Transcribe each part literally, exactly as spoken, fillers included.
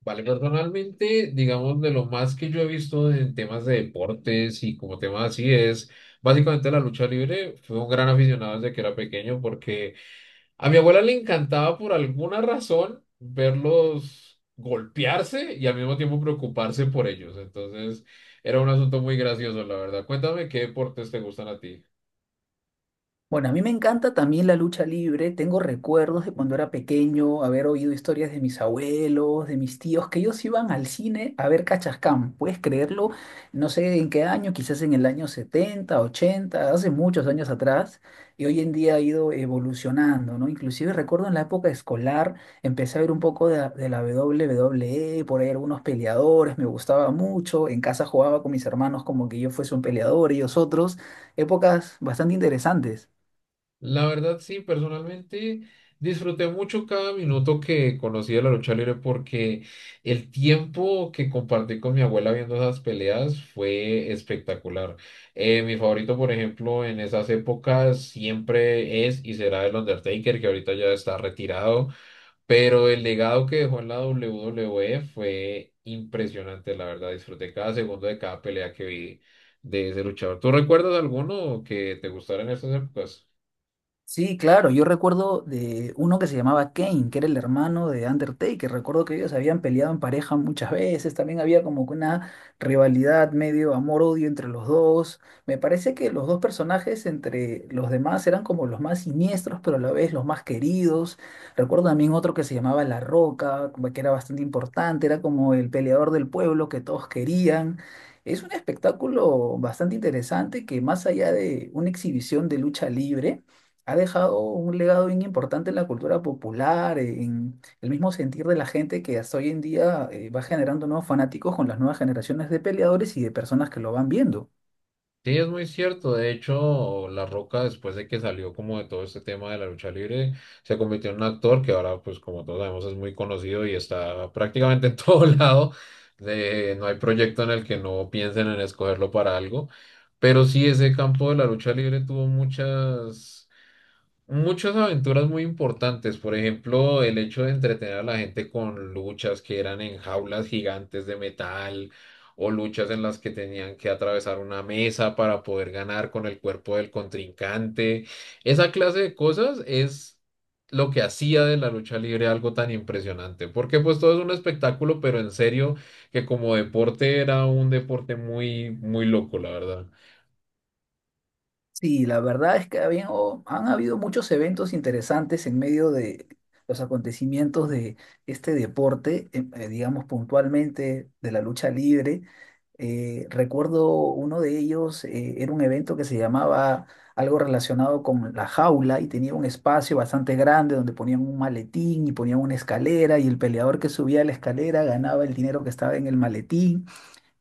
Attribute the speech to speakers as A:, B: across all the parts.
A: Vale, personalmente, digamos, de lo más que yo he visto en temas de deportes y como temas así es, básicamente la lucha libre, fue un gran aficionado desde que era pequeño porque a mi abuela le encantaba por alguna razón verlos golpearse y al mismo tiempo preocuparse por ellos. Entonces, era un asunto muy gracioso, la verdad. Cuéntame qué deportes te gustan a ti.
B: Bueno, a mí me encanta también la lucha libre. Tengo recuerdos de cuando era pequeño, haber oído historias de mis abuelos, de mis tíos, que ellos iban al cine a ver Cachascán. ¿Puedes creerlo? No sé en qué año, quizás en el año setenta, ochenta, hace muchos años atrás. Y hoy en día ha ido evolucionando, ¿no? Inclusive recuerdo en la época escolar, empecé a ver un poco de, la- de la W W E, por ahí algunos peleadores, me gustaba mucho. En casa jugaba con mis hermanos como que yo fuese un peleador, ellos otros. Épocas bastante interesantes.
A: La verdad, sí, personalmente disfruté mucho cada minuto que conocí de la lucha libre porque el tiempo que compartí con mi abuela viendo esas peleas fue espectacular. Eh, mi favorito, por ejemplo, en esas épocas siempre es y será el Undertaker, que ahorita ya está retirado, pero el legado que dejó en la W W E fue impresionante, la verdad, disfruté cada segundo de cada pelea que vi de ese luchador. ¿Tú recuerdas alguno que te gustara en esas épocas?
B: Sí, claro, yo recuerdo de uno que se llamaba Kane, que era el hermano de Undertaker. Recuerdo que ellos habían peleado en pareja muchas veces, también había como que una rivalidad medio amor-odio entre los dos. Me parece que los dos personajes entre los demás eran como los más siniestros, pero a la vez los más queridos. Recuerdo también otro que se llamaba La Roca, como que era bastante importante, era como el peleador del pueblo que todos querían. Es un espectáculo bastante interesante que más allá de una exhibición de lucha libre, ha dejado un legado bien importante en la cultura popular, en el mismo sentir de la gente que hasta hoy en día eh, va generando nuevos fanáticos con las nuevas generaciones de peleadores y de personas que lo van viendo.
A: Sí, es muy cierto. De hecho, La Roca, después de que salió como de todo este tema de la lucha libre, se convirtió en un actor que ahora, pues como todos sabemos, es muy conocido y está prácticamente en todo lado. De, no hay proyecto en el que no piensen en escogerlo para algo. Pero sí, ese campo de la lucha libre tuvo muchas muchas aventuras muy importantes, por ejemplo, el hecho de entretener a la gente con luchas que eran en jaulas gigantes de metal o luchas en las que tenían que atravesar una mesa para poder ganar con el cuerpo del contrincante. Esa clase de cosas es lo que hacía de la lucha libre algo tan impresionante, porque pues todo es un espectáculo, pero en serio que como deporte era un deporte muy, muy loco, la verdad.
B: Sí, la verdad es que habían- o- han habido muchos eventos interesantes en medio de los acontecimientos de este deporte, em, eh, digamos puntualmente de la lucha libre. Eh, recuerdo uno de ellos, eh, era un evento que se llamaba algo relacionado con la jaula y tenía un espacio bastante grande donde ponían un maletín y ponían una escalera y el peleador que subía la escalera ganaba el dinero que estaba en el maletín.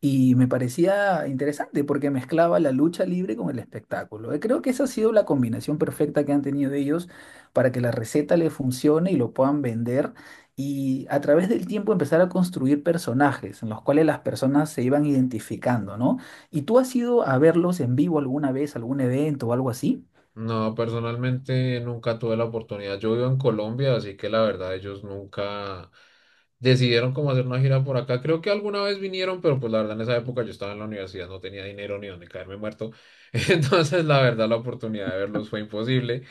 B: Y me parecía interesante porque mezclaba la lucha libre con el espectáculo. Eh, Creo que esa ha sido la combinación perfecta que han tenido ellos para que la receta le funcione y lo puedan vender. Y a través del tiempo empezar a construir personajes en los cuales las personas se iban identificando, ¿no? ¿Y tú has ido a verlos en vivo alguna vez, algún evento o algo así?
A: No, personalmente nunca tuve la oportunidad. Yo vivo en Colombia, así que la verdad ellos nunca decidieron cómo hacer una gira por acá. Creo que alguna vez vinieron, pero pues la verdad en esa época yo estaba en la universidad, no tenía dinero ni donde caerme muerto. Entonces la verdad la oportunidad de verlos fue imposible.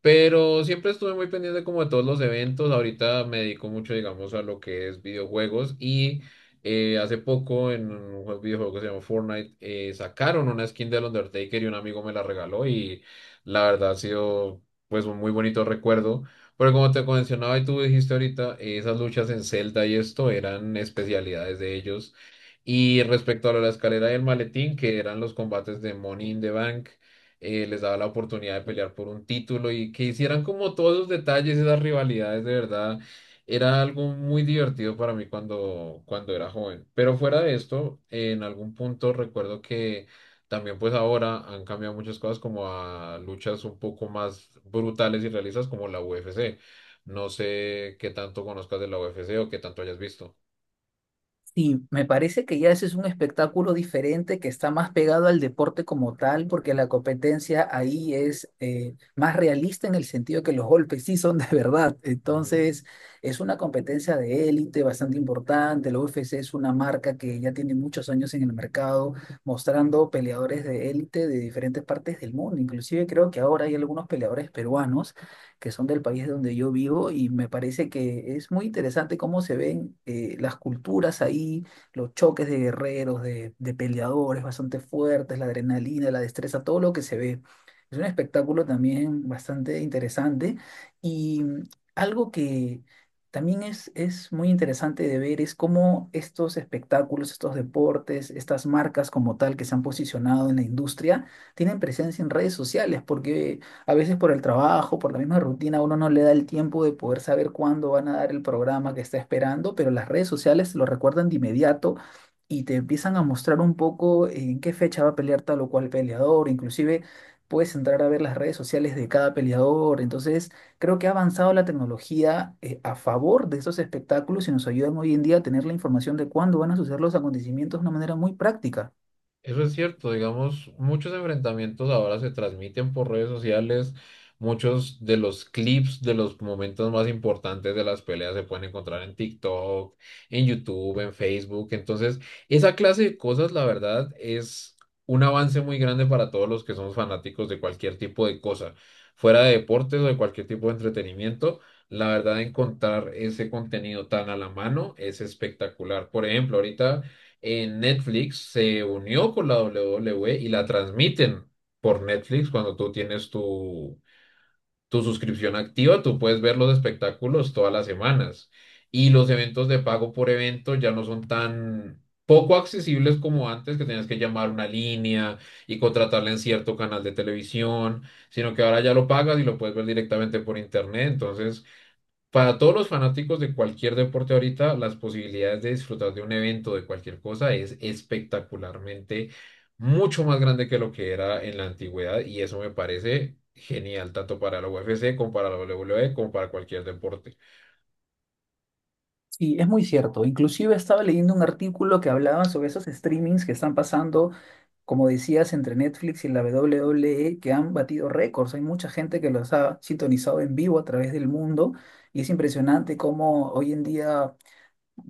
A: Pero siempre estuve muy pendiente como de todos los eventos. Ahorita me dedico mucho, digamos, a lo que es videojuegos. Y eh, hace poco en un jue- videojuego que se llama Fortnite, eh, sacaron una skin del Undertaker y un amigo me la regaló. Y la verdad ha sido pues un muy bonito recuerdo. Pero como te mencionaba y tú dijiste ahorita, eh, esas luchas en Zelda y esto eran especialidades de ellos. Y respecto a lo de la escalera y el maletín, que eran los combates de Money in the Bank, eh, les daba la oportunidad de pelear por un título y que hicieran como todos esos detalles, esas rivalidades, de verdad, era algo muy divertido para mí cuando, cuando era joven. Pero fuera de esto, en algún punto recuerdo que también pues ahora han cambiado muchas cosas como a luchas un poco más brutales y realistas como la U F C. No sé qué tanto conozcas de la U F C o qué tanto hayas visto.
B: Sí, me parece que ya ese es un espectáculo diferente que está más pegado al deporte como tal, porque la competencia ahí es eh, más realista en el sentido que los golpes sí son de verdad.
A: Ujú.
B: Entonces, es una competencia de élite bastante importante. La U F C es una marca que ya tiene muchos años en el mercado, mostrando peleadores de élite de diferentes partes del mundo. Inclusive creo que ahora hay algunos peleadores peruanos que son del país donde yo vivo y me parece que es muy interesante cómo se ven eh, las culturas ahí, los choques de guerreros, de, de peleadores bastante fuertes, la adrenalina, la destreza, todo lo que se ve. Es un espectáculo también bastante interesante y mm, algo que... También es, es muy interesante de ver es cómo estos espectáculos, estos deportes, estas marcas como tal que se han posicionado en la industria, tienen presencia en redes sociales, porque a veces por el trabajo, por la misma rutina, uno no le da el tiempo de poder saber cuándo van a dar el programa que está esperando, pero las redes sociales lo recuerdan de inmediato y te empiezan a mostrar un poco en qué fecha va a pelear tal o cual peleador, inclusive puedes entrar a ver las redes sociales de cada peleador, entonces creo que ha avanzado la tecnología eh, a favor de esos espectáculos y nos ayudan hoy en día a tener la información de cuándo van a suceder los acontecimientos de una manera muy práctica.
A: Eso es cierto, digamos, muchos enfrentamientos ahora se transmiten por redes sociales, muchos de los clips de los momentos más importantes de las peleas se pueden encontrar en TikTok, en YouTube, en Facebook, entonces esa clase de cosas, la verdad, es un avance muy grande para todos los que somos fanáticos de cualquier tipo de cosa, fuera de deportes o de cualquier tipo de entretenimiento. La verdad, encontrar ese contenido tan a la mano es espectacular. Por ejemplo, ahorita en Netflix se unió con la W W E y la transmiten por Netflix. Cuando tú tienes tu, tu suscripción activa, tú puedes ver los espectáculos todas las semanas. Y los eventos de pago por evento ya no son tan poco accesibles como antes, que tenías que llamar una línea y contratarla en cierto canal de televisión, sino que ahora ya lo pagas y lo puedes ver directamente por internet. Entonces, para todos los fanáticos de cualquier deporte ahorita, las posibilidades de disfrutar de un evento, de cualquier cosa, es espectacularmente mucho más grande que lo que era en la antigüedad y eso me parece genial, tanto para la U F C como para la W W E, como para cualquier deporte.
B: Sí, es muy cierto. Inclusive estaba leyendo un artículo que hablaba sobre esos streamings que están pasando, como decías, entre Netflix y la W W E, que han batido récords. Hay mucha gente que los ha sintonizado en vivo a través del mundo y es impresionante cómo hoy en día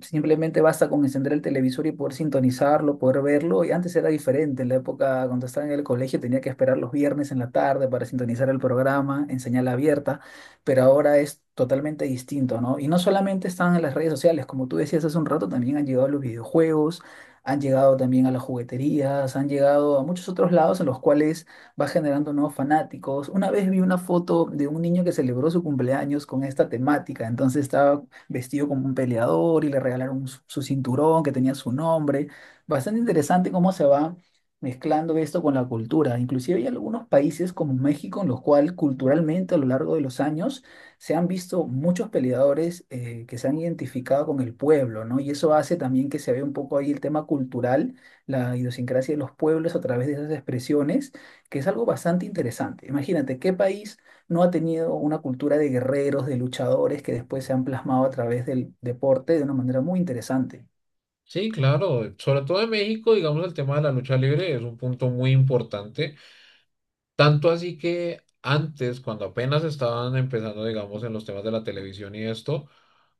B: simplemente basta con encender el televisor y poder sintonizarlo, poder verlo. Y antes era diferente. En la época, cuando estaba en el colegio, tenía que esperar los viernes en la tarde para sintonizar el programa en señal abierta. Pero ahora es totalmente distinto, ¿no? Y no solamente están en las redes sociales, como tú decías hace un rato, también han llegado a los videojuegos, han llegado también a las jugueterías, han llegado a muchos otros lados en los cuales va generando nuevos fanáticos. Una vez vi una foto de un niño que celebró su cumpleaños con esta temática, entonces estaba vestido como un peleador y le regalaron su, su cinturón que tenía su nombre. Bastante interesante cómo se va mezclando esto con la cultura. Inclusive hay algunos países como México en los cuales culturalmente a lo largo de los años se han visto muchos peleadores eh, que se han identificado con el pueblo, ¿no? Y eso hace también que se vea un poco ahí el tema cultural, la idiosincrasia de los pueblos a través de esas expresiones, que es algo bastante interesante. Imagínate, ¿qué país no ha tenido una cultura de guerreros, de luchadores que después se han plasmado a través del deporte de una manera muy interesante?
A: Sí, claro, sobre todo en México, digamos, el tema de la lucha libre es un punto muy importante, tanto así que antes, cuando apenas estaban empezando, digamos, en los temas de la televisión y esto,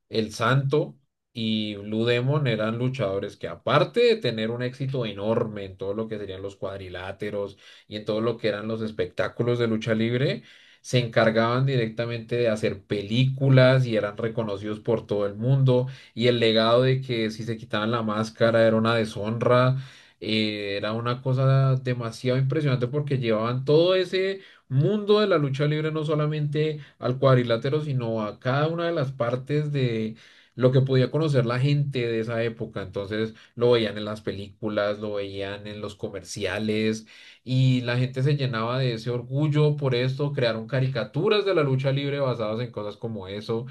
A: El Santo y Blue Demon eran luchadores que aparte de tener un éxito enorme en todo lo que serían los cuadriláteros y en todo lo que eran los espectáculos de lucha libre, se encargaban directamente de hacer películas y eran reconocidos por todo el mundo y el legado de que si se quitaban la máscara era una deshonra. Eh, era una cosa demasiado impresionante porque llevaban todo ese mundo de la lucha libre, no solamente al cuadrilátero, sino a cada una de las partes de lo que podía conocer la gente de esa época. Entonces lo veían en las películas, lo veían en los comerciales y la gente se llenaba de ese orgullo por esto. Crearon caricaturas de la lucha libre basadas en cosas como eso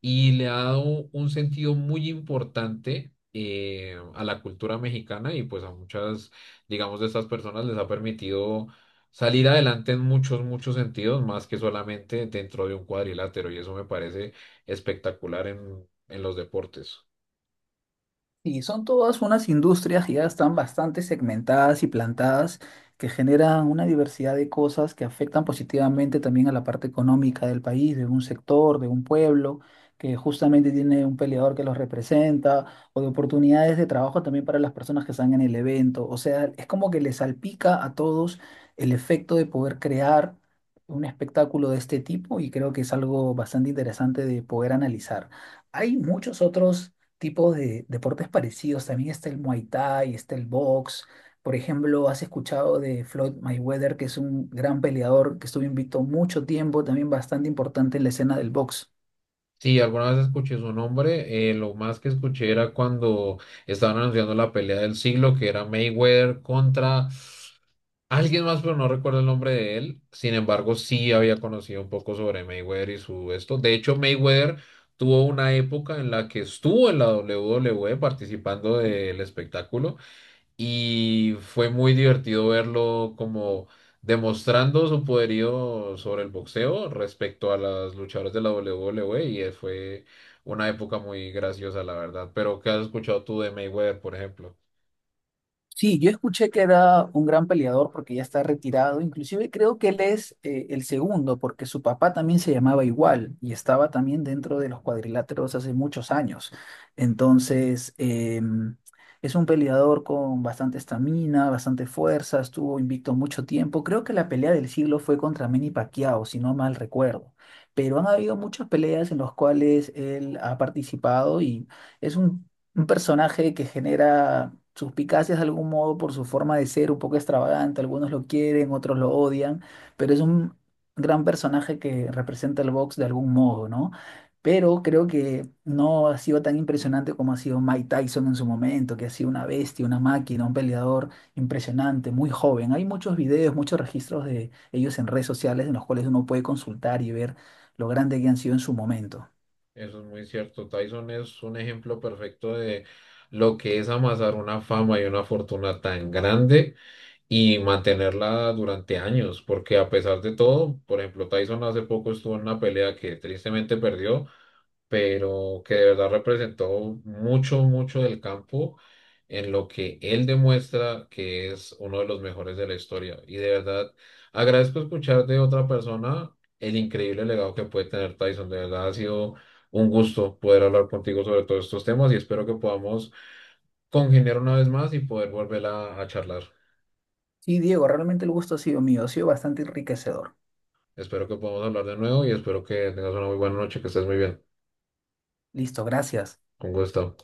A: y le ha dado un sentido muy importante, eh, a la cultura mexicana y pues a muchas, digamos, de estas personas les ha permitido salir adelante en muchos, muchos sentidos, más que solamente dentro de un cuadrilátero y eso me parece espectacular en, en los deportes.
B: Y son todas unas industrias que ya están bastante segmentadas y plantadas, que generan una diversidad de cosas que afectan positivamente también a la parte económica del país, de un sector, de un pueblo, que justamente tiene un peleador que los representa, o de oportunidades de trabajo también para las personas que están en el evento. O sea, es como que les salpica a todos el efecto de poder crear un espectáculo de este tipo y creo que es algo bastante interesante de poder analizar. Hay muchos otros tipos de deportes parecidos. También está el Muay Thai, está el box. Por ejemplo, has escuchado de Floyd Mayweather, que es un gran peleador que estuvo invicto mucho tiempo, también bastante importante en la escena del box.
A: Sí, alguna vez escuché su nombre, eh, lo más que escuché era cuando estaban anunciando la pelea del siglo, que era Mayweather contra... Alguien más, pero no recuerdo el nombre de él. Sin embargo, sí había conocido un poco sobre Mayweather y su esto. De hecho, Mayweather tuvo una época en la que estuvo en la W W E participando del espectáculo y fue muy divertido verlo como demostrando su poderío sobre el boxeo respecto a las luchadoras de la W W E y eh, fue una época muy graciosa, la verdad. Pero, ¿qué has escuchado tú de Mayweather, por ejemplo?
B: Sí, yo escuché que era un gran peleador porque ya está retirado. Inclusive creo que él es eh, el segundo porque su papá también se llamaba igual y estaba también dentro de los cuadriláteros hace muchos años. Entonces, em, es un peleador con bastante estamina, bastante fuerza, estuvo invicto mucho tiempo. Creo que la pelea del siglo fue contra Manny Pacquiao, si no mal recuerdo. Pero han habido muchas peleas en las cuales él ha participado y es un un personaje que genera suspicacias de algún modo por su forma de ser, un poco extravagante, algunos lo quieren, otros lo odian, pero es un gran personaje que representa el box de algún modo, ¿no? Pero creo que no ha sido tan impresionante como ha sido Mike Tyson en su momento, que ha sido una bestia, una máquina, un peleador impresionante, muy joven. Hay muchos videos, muchos registros de ellos en redes sociales en los cuales uno puede consultar y ver lo grande que han sido en su momento.
A: Eso es muy cierto. Tyson es un ejemplo perfecto de lo que es amasar una fama y una fortuna tan grande y mantenerla durante años, porque a pesar de todo, por ejemplo, Tyson hace poco estuvo en una pelea que tristemente perdió, pero que de verdad representó mucho, mucho del campo en lo que él demuestra que es uno de los mejores de la historia. Y de verdad agradezco escuchar de otra persona el increíble legado que puede tener Tyson. De verdad ha sido un gusto poder hablar contigo sobre todos estos temas y espero que podamos congeniar una vez más y poder volver a, a charlar.
B: Sí, Diego, realmente el gusto ha sido mío, ha sido bastante enriquecedor.
A: Espero que podamos hablar de nuevo y espero que tengas una muy buena noche, que estés muy bien.
B: Listo, gracias.
A: Con gusto.